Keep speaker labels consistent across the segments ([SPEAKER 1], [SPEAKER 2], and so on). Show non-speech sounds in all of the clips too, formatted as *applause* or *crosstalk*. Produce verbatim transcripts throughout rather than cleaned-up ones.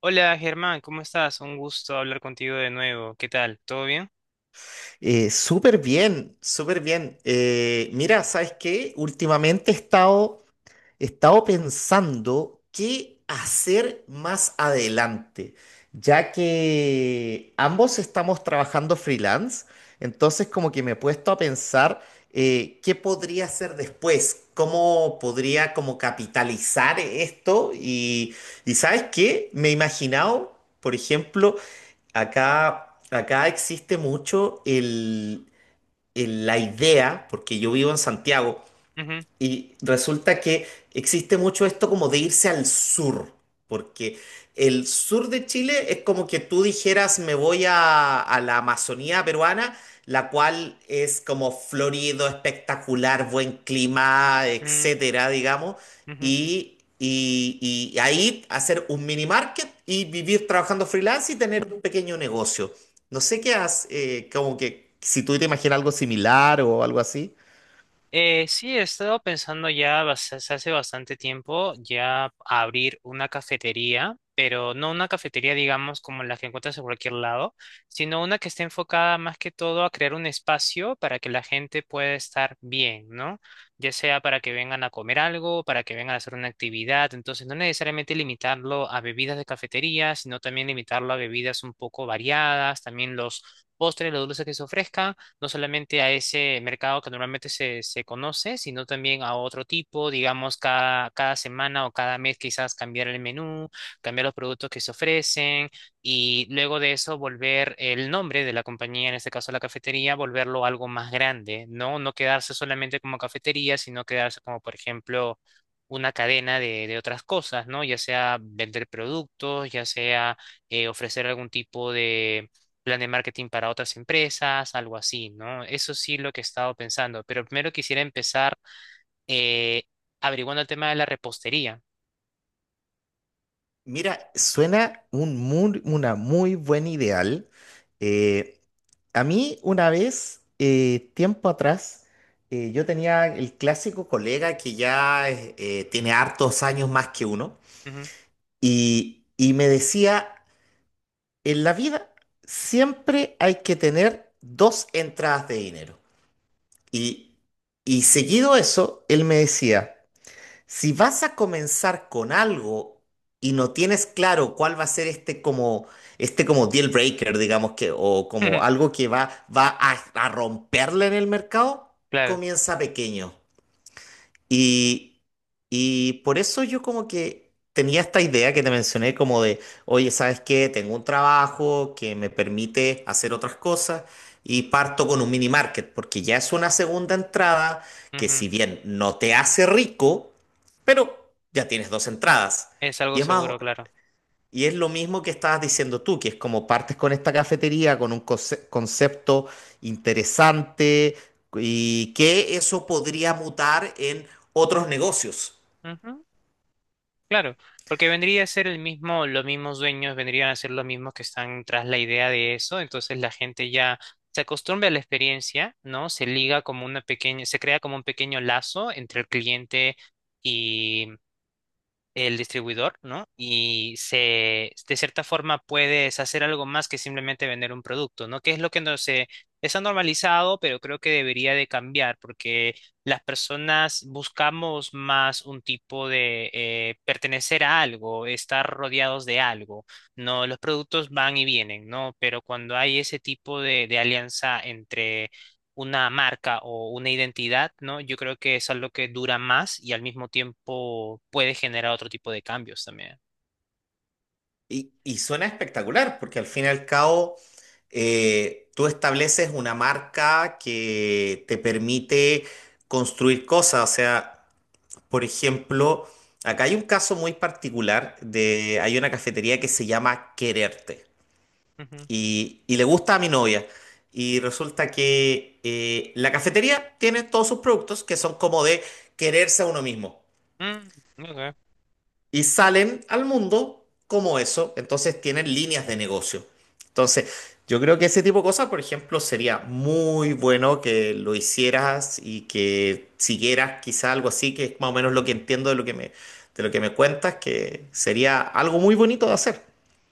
[SPEAKER 1] Hola Germán, ¿cómo estás? Un gusto hablar contigo de nuevo. ¿Qué tal? ¿Todo bien?
[SPEAKER 2] Eh, súper bien, súper bien. Eh, mira, ¿sabes qué? Últimamente he estado, he estado pensando qué hacer más adelante, ya que ambos estamos trabajando freelance, entonces como que me he puesto a pensar eh, qué podría hacer después, cómo podría como capitalizar esto y, y ¿sabes qué? Me he imaginado, por ejemplo, acá... Acá existe mucho el eh, la idea, porque yo vivo en Santiago,
[SPEAKER 1] Ujú,
[SPEAKER 2] y resulta que existe mucho esto como de irse al sur, porque el sur de Chile es como que tú dijeras me voy a, a la Amazonía peruana, la cual es como florido, espectacular, buen clima,
[SPEAKER 1] mm,
[SPEAKER 2] etcétera, digamos,
[SPEAKER 1] ujú.
[SPEAKER 2] y, y, y ahí hacer un mini market y vivir trabajando freelance y tener un pequeño negocio. No sé qué haces, como que si tú te imaginas algo similar o algo así.
[SPEAKER 1] Eh, sí, he estado pensando ya bas- hace hace bastante tiempo ya abrir una cafetería, pero no una cafetería, digamos, como la que encuentras en cualquier lado, sino una que esté enfocada más que todo a crear un espacio para que la gente pueda estar bien, ¿no? Ya sea para que vengan a comer algo, para que vengan a hacer una actividad, entonces no necesariamente limitarlo a bebidas de cafetería, sino también limitarlo a bebidas un poco variadas, también los postres, los dulces que se ofrezcan no solamente a ese mercado que normalmente se, se conoce, sino también a otro tipo, digamos, cada, cada semana o cada mes quizás cambiar el menú, cambiar los productos que se ofrecen y luego de eso volver el nombre de la compañía, en este caso la cafetería, volverlo algo más grande, ¿no? No quedarse solamente como cafetería, sino quedarse como, por ejemplo, una cadena de, de otras cosas, ¿no? Ya sea vender productos, ya sea eh, ofrecer algún tipo de plan de marketing para otras empresas, algo así, ¿no? Eso sí lo que he estado pensando, pero primero quisiera empezar eh, averiguando el tema de la repostería.
[SPEAKER 2] Mira, suena un muy- una muy buen ideal. Eh, a mí una vez, eh, tiempo atrás, eh, yo tenía el clásico colega que ya es- eh, tiene hartos años más que uno
[SPEAKER 1] Ujú.
[SPEAKER 2] y, y me decía, en la vida siempre hay que tener dos entradas de dinero. Y, y seguido eso, él me decía, si vas a comenzar con algo y no tienes claro cuál va a ser este como este como deal breaker, digamos que o como
[SPEAKER 1] *laughs*
[SPEAKER 2] algo que va va a, a romperle en el mercado,
[SPEAKER 1] Claro,
[SPEAKER 2] comienza pequeño. Y, y por eso yo como que tenía esta idea que te mencioné como de, oye, ¿sabes qué? Tengo un trabajo que me permite hacer otras cosas y parto con un mini market, porque ya es una segunda entrada que
[SPEAKER 1] ujú.
[SPEAKER 2] si bien no te hace rico, pero ya tienes dos entradas.
[SPEAKER 1] Es algo
[SPEAKER 2] Y es más,
[SPEAKER 1] seguro, claro.
[SPEAKER 2] y es lo mismo que estabas diciendo tú, que es como partes con esta cafetería, con un conce- concepto interesante y que eso podría mutar en otros negocios.
[SPEAKER 1] Ujú. Claro, porque vendría a ser el mismo, los mismos dueños vendrían a ser los mismos que están tras la idea de eso, entonces la gente ya se acostumbra a la experiencia, ¿no? Se liga como una pequeña, se crea como un pequeño lazo entre el cliente el distribuidor, ¿no? Y se, de cierta forma puedes hacer algo más que simplemente vender un producto, ¿no? Que es lo que no se está normalizado, pero creo que debería de cambiar porque las personas buscamos más un tipo de eh, pertenecer a algo, estar rodeados de algo, ¿no? Los productos van y vienen, ¿no? Pero cuando hay ese tipo de, de alianza entre una marca o una identidad, ¿no? Yo creo que es algo que dura más y al mismo tiempo puede generar otro tipo de cambios también.
[SPEAKER 2] Y, y suena espectacular, porque al fin y al cabo eh, tú estableces una marca que te permite construir cosas. O sea, por ejemplo, acá hay un caso muy particular de, hay una cafetería que se llama Quererte
[SPEAKER 1] Ujú.
[SPEAKER 2] y, y le gusta a mi novia. Y resulta que eh, la cafetería tiene todos sus productos que son como de quererse a uno mismo.
[SPEAKER 1] Mm, ok.
[SPEAKER 2] Y salen al mundo como eso, entonces tienen líneas de negocio. Entonces, yo creo que ese tipo de cosas, por ejemplo, sería muy bueno que lo hicieras y que siguieras quizá algo así, que es más o menos lo que entiendo de lo que me, de lo que me, cuentas, que sería algo muy bonito de hacer.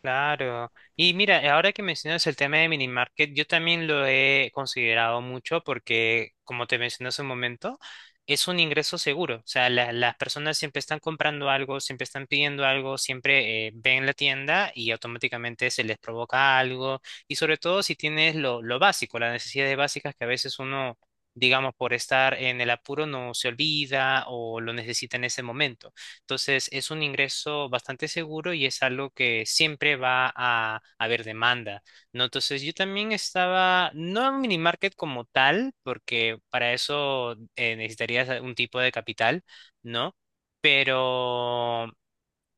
[SPEAKER 1] Claro. Y mira, ahora que mencionas el tema de mini market, yo también lo he considerado mucho porque, como te mencioné hace un momento, es un ingreso seguro. O sea, la- las personas siempre están comprando algo, siempre están pidiendo algo, siempre eh, ven la tienda y automáticamente se les provoca algo. Y sobre todo si tienes lo, lo básico, las necesidades básicas que a veces uno, digamos, por estar en el apuro no se olvida o lo necesita en ese momento. Entonces es un ingreso bastante seguro y es algo que siempre va a haber demanda, ¿no? Entonces yo también estaba, no en un mini market como tal, porque para eso eh, necesitarías a- un tipo de capital, ¿no? Pero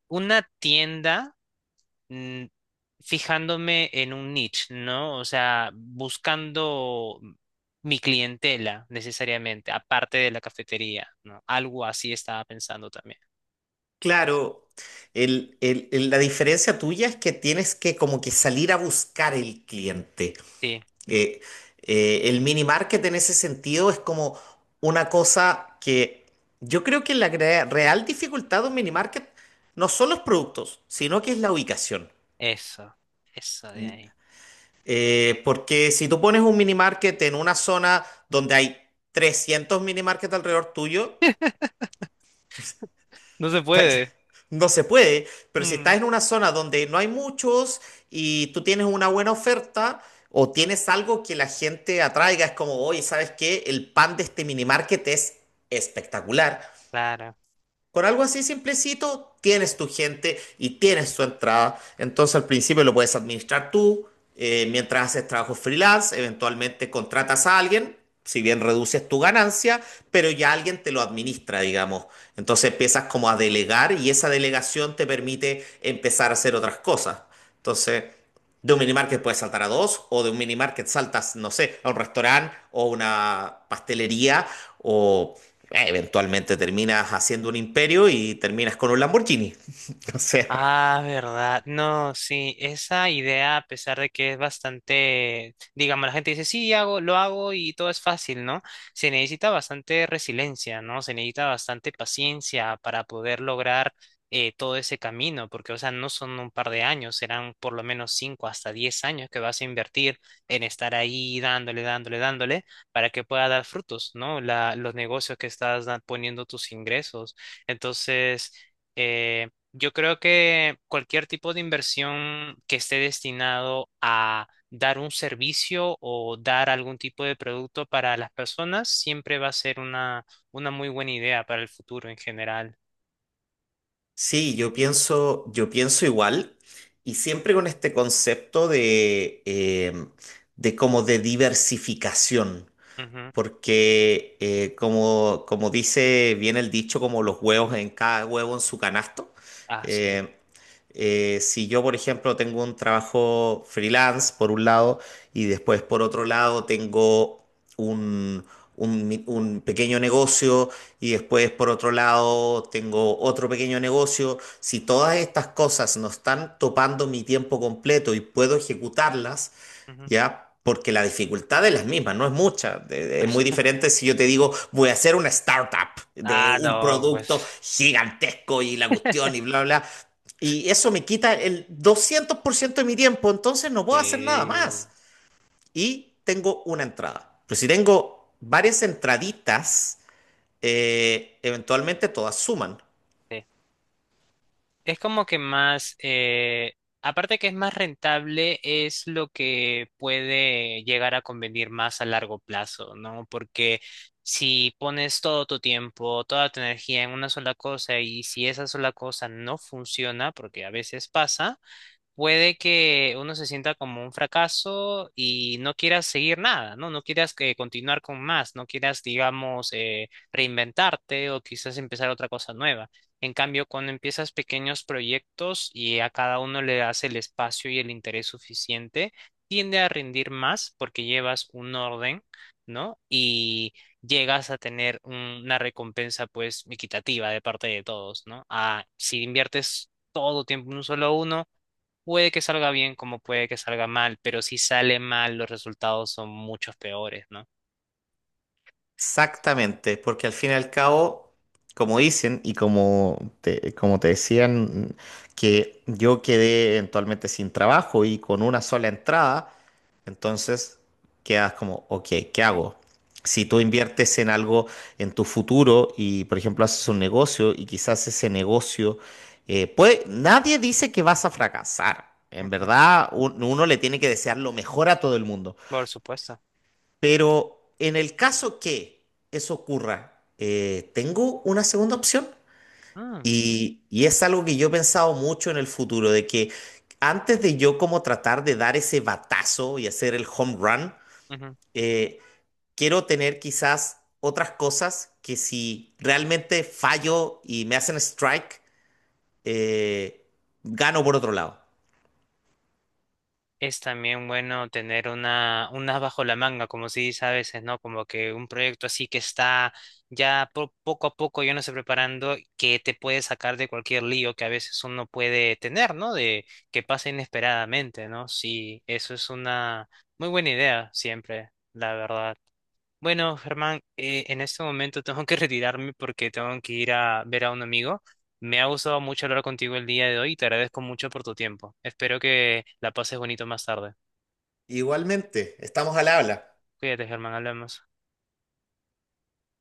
[SPEAKER 1] una tienda mm, fijándome en un niche, ¿no? O sea, buscando mi clientela necesariamente, aparte de la cafetería, ¿no? Algo así estaba pensando también.
[SPEAKER 2] Claro, el- el- el- la diferencia tuya es que tienes que como que salir a buscar el cliente.
[SPEAKER 1] Sí.
[SPEAKER 2] Eh, eh, el mini market en ese sentido es como una cosa que yo creo que la gre- real dificultad de un mini market no son los productos, sino que es la ubicación.
[SPEAKER 1] Eso, eso de
[SPEAKER 2] Mm,
[SPEAKER 1] ahí.
[SPEAKER 2] eh, Porque si tú pones un mini market en una zona donde hay trescientos mini market alrededor tuyo,
[SPEAKER 1] *laughs* No se puede.
[SPEAKER 2] No se puede, pero si
[SPEAKER 1] Mm,
[SPEAKER 2] estás en una zona donde no hay muchos y tú tienes una buena oferta o tienes algo que la gente atraiga, es como, oye, ¿sabes qué? El pan de este minimarket es espectacular.
[SPEAKER 1] claro.
[SPEAKER 2] Con algo así simplecito, tienes tu gente y tienes tu entrada. Entonces al principio lo puedes administrar tú, eh, mientras haces trabajo freelance, eventualmente contratas a alguien, si bien reduces tu ganancia, pero ya alguien te lo administra, digamos. Entonces empiezas como a delegar y esa delegación te permite empezar a hacer otras cosas. Entonces, de un minimarket puedes saltar a dos, o de un minimarket saltas, no sé, a un restaurante o una pastelería o eh, eventualmente terminas haciendo un imperio y terminas con un Lamborghini. *laughs* O sea,
[SPEAKER 1] Ah, verdad. No, sí, esa idea, a pesar de que es bastante, digamos, la gente dice, sí, hago, lo hago y todo es fácil, ¿no? Se necesita bastante resiliencia, ¿no? Se necesita bastante paciencia para poder lograr eh, todo ese camino, porque, o sea, no son un par de años, serán por lo menos cinco hasta diez años que vas a invertir en estar ahí dándole, dándole, dándole, para que pueda dar frutos, ¿no? La, los negocios que estás da- poniendo tus ingresos. Entonces eh, yo creo que cualquier tipo de inversión que esté destinado a dar un servicio o dar algún tipo de producto para las personas siempre va a ser una, una muy buena idea para el futuro en general.
[SPEAKER 2] sí, yo pienso, yo pienso igual y siempre con este concepto de, eh, de como de diversificación.
[SPEAKER 1] Ujú.
[SPEAKER 2] Porque eh, como, como dice bien el dicho, como los huevos en cada huevo en su canasto,
[SPEAKER 1] Ah, sí.
[SPEAKER 2] eh, eh, si yo, por ejemplo, tengo un trabajo freelance por un lado y después por otro lado tengo un, un mi- un pequeño negocio y después por otro lado tengo otro pequeño negocio, si todas estas cosas no están topando mi tiempo completo y puedo ejecutarlas,
[SPEAKER 1] Ujú.
[SPEAKER 2] ¿ya? Porque la dificultad es la misma, no es mucha. De- de- Es muy
[SPEAKER 1] *laughs*
[SPEAKER 2] diferente si yo te digo, voy a hacer una startup de
[SPEAKER 1] Ah,
[SPEAKER 2] un
[SPEAKER 1] no,
[SPEAKER 2] producto
[SPEAKER 1] pues
[SPEAKER 2] gigantesco y la cuestión y bla, bla. Y eso me quita el doscientos por ciento de mi tiempo, entonces no puedo hacer nada
[SPEAKER 1] sí,
[SPEAKER 2] más. Y tengo una entrada. Pero si tengo varias entraditas, eh, eventualmente todas suman.
[SPEAKER 1] sí. Es como que más, eh, aparte que es más rentable, es lo que puede llegar a convenir más a largo plazo, ¿no? Porque si pones todo tu tiempo, toda tu energía en una sola cosa y si esa sola cosa no funciona, porque a veces pasa, puede que uno se sienta como un fracaso y no quieras seguir nada, ¿no? No quieras que continuar con más, no quieras, digamos, eh, reinventarte o quizás empezar otra cosa nueva. En cambio, cuando empiezas pequeños proyectos y a cada uno le das el espacio y el interés suficiente, tiende a rendir más porque llevas un orden, ¿no? Y llegas a tener un- una recompensa, pues, equitativa de parte de todos, ¿no? Ah, si inviertes todo tiempo en un solo uno, puede que salga bien como puede que salga mal, pero si sale mal, los resultados son muchos peores, ¿no?
[SPEAKER 2] Exactamente, porque al fin y al cabo, como dicen y como te, como te decían, que yo quedé eventualmente sin trabajo y con una sola entrada, Entonces, quedas como, ok, ¿qué hago? Si tú
[SPEAKER 1] Ujú,
[SPEAKER 2] inviertes en algo en tu futuro y, por ejemplo, haces un negocio y quizás ese negocio, eh, puede, nadie dice que vas a fracasar. En
[SPEAKER 1] ujú.
[SPEAKER 2] verdad, un- uno le tiene que desear lo mejor a todo el mundo.
[SPEAKER 1] Por supuesto.
[SPEAKER 2] Pero en el caso que eso ocurra, eh, ¿tengo una segunda opción?
[SPEAKER 1] Mm,
[SPEAKER 2] Y, y es algo que yo he pensado mucho en el futuro, de que antes de yo como tratar de dar ese batazo y hacer el home run,
[SPEAKER 1] ujú.
[SPEAKER 2] eh, quiero tener quizás otras cosas que si realmente fallo y me hacen strike, eh, gano por otro lado.
[SPEAKER 1] Es también bueno tener una, unas bajo la manga, como se dice a veces, ¿no? Como que un proyecto así que está ya po- poco a poco yo no sé preparando, que te puede sacar de cualquier lío que a veces uno puede tener, ¿no? De que pasa inesperadamente, ¿no? Sí, eso es una muy buena idea siempre, la verdad. Bueno, Germán, eh, en este momento tengo que *laughs* retirarme porque tengo que ir a ver a un amigo. Me ha gustado mucho hablar contigo el día de hoy y te agradezco mucho por tu tiempo. Espero que la pases bonito más tarde.
[SPEAKER 2] Igualmente, estamos al habla.
[SPEAKER 1] Cuídate, Germán, hablamos.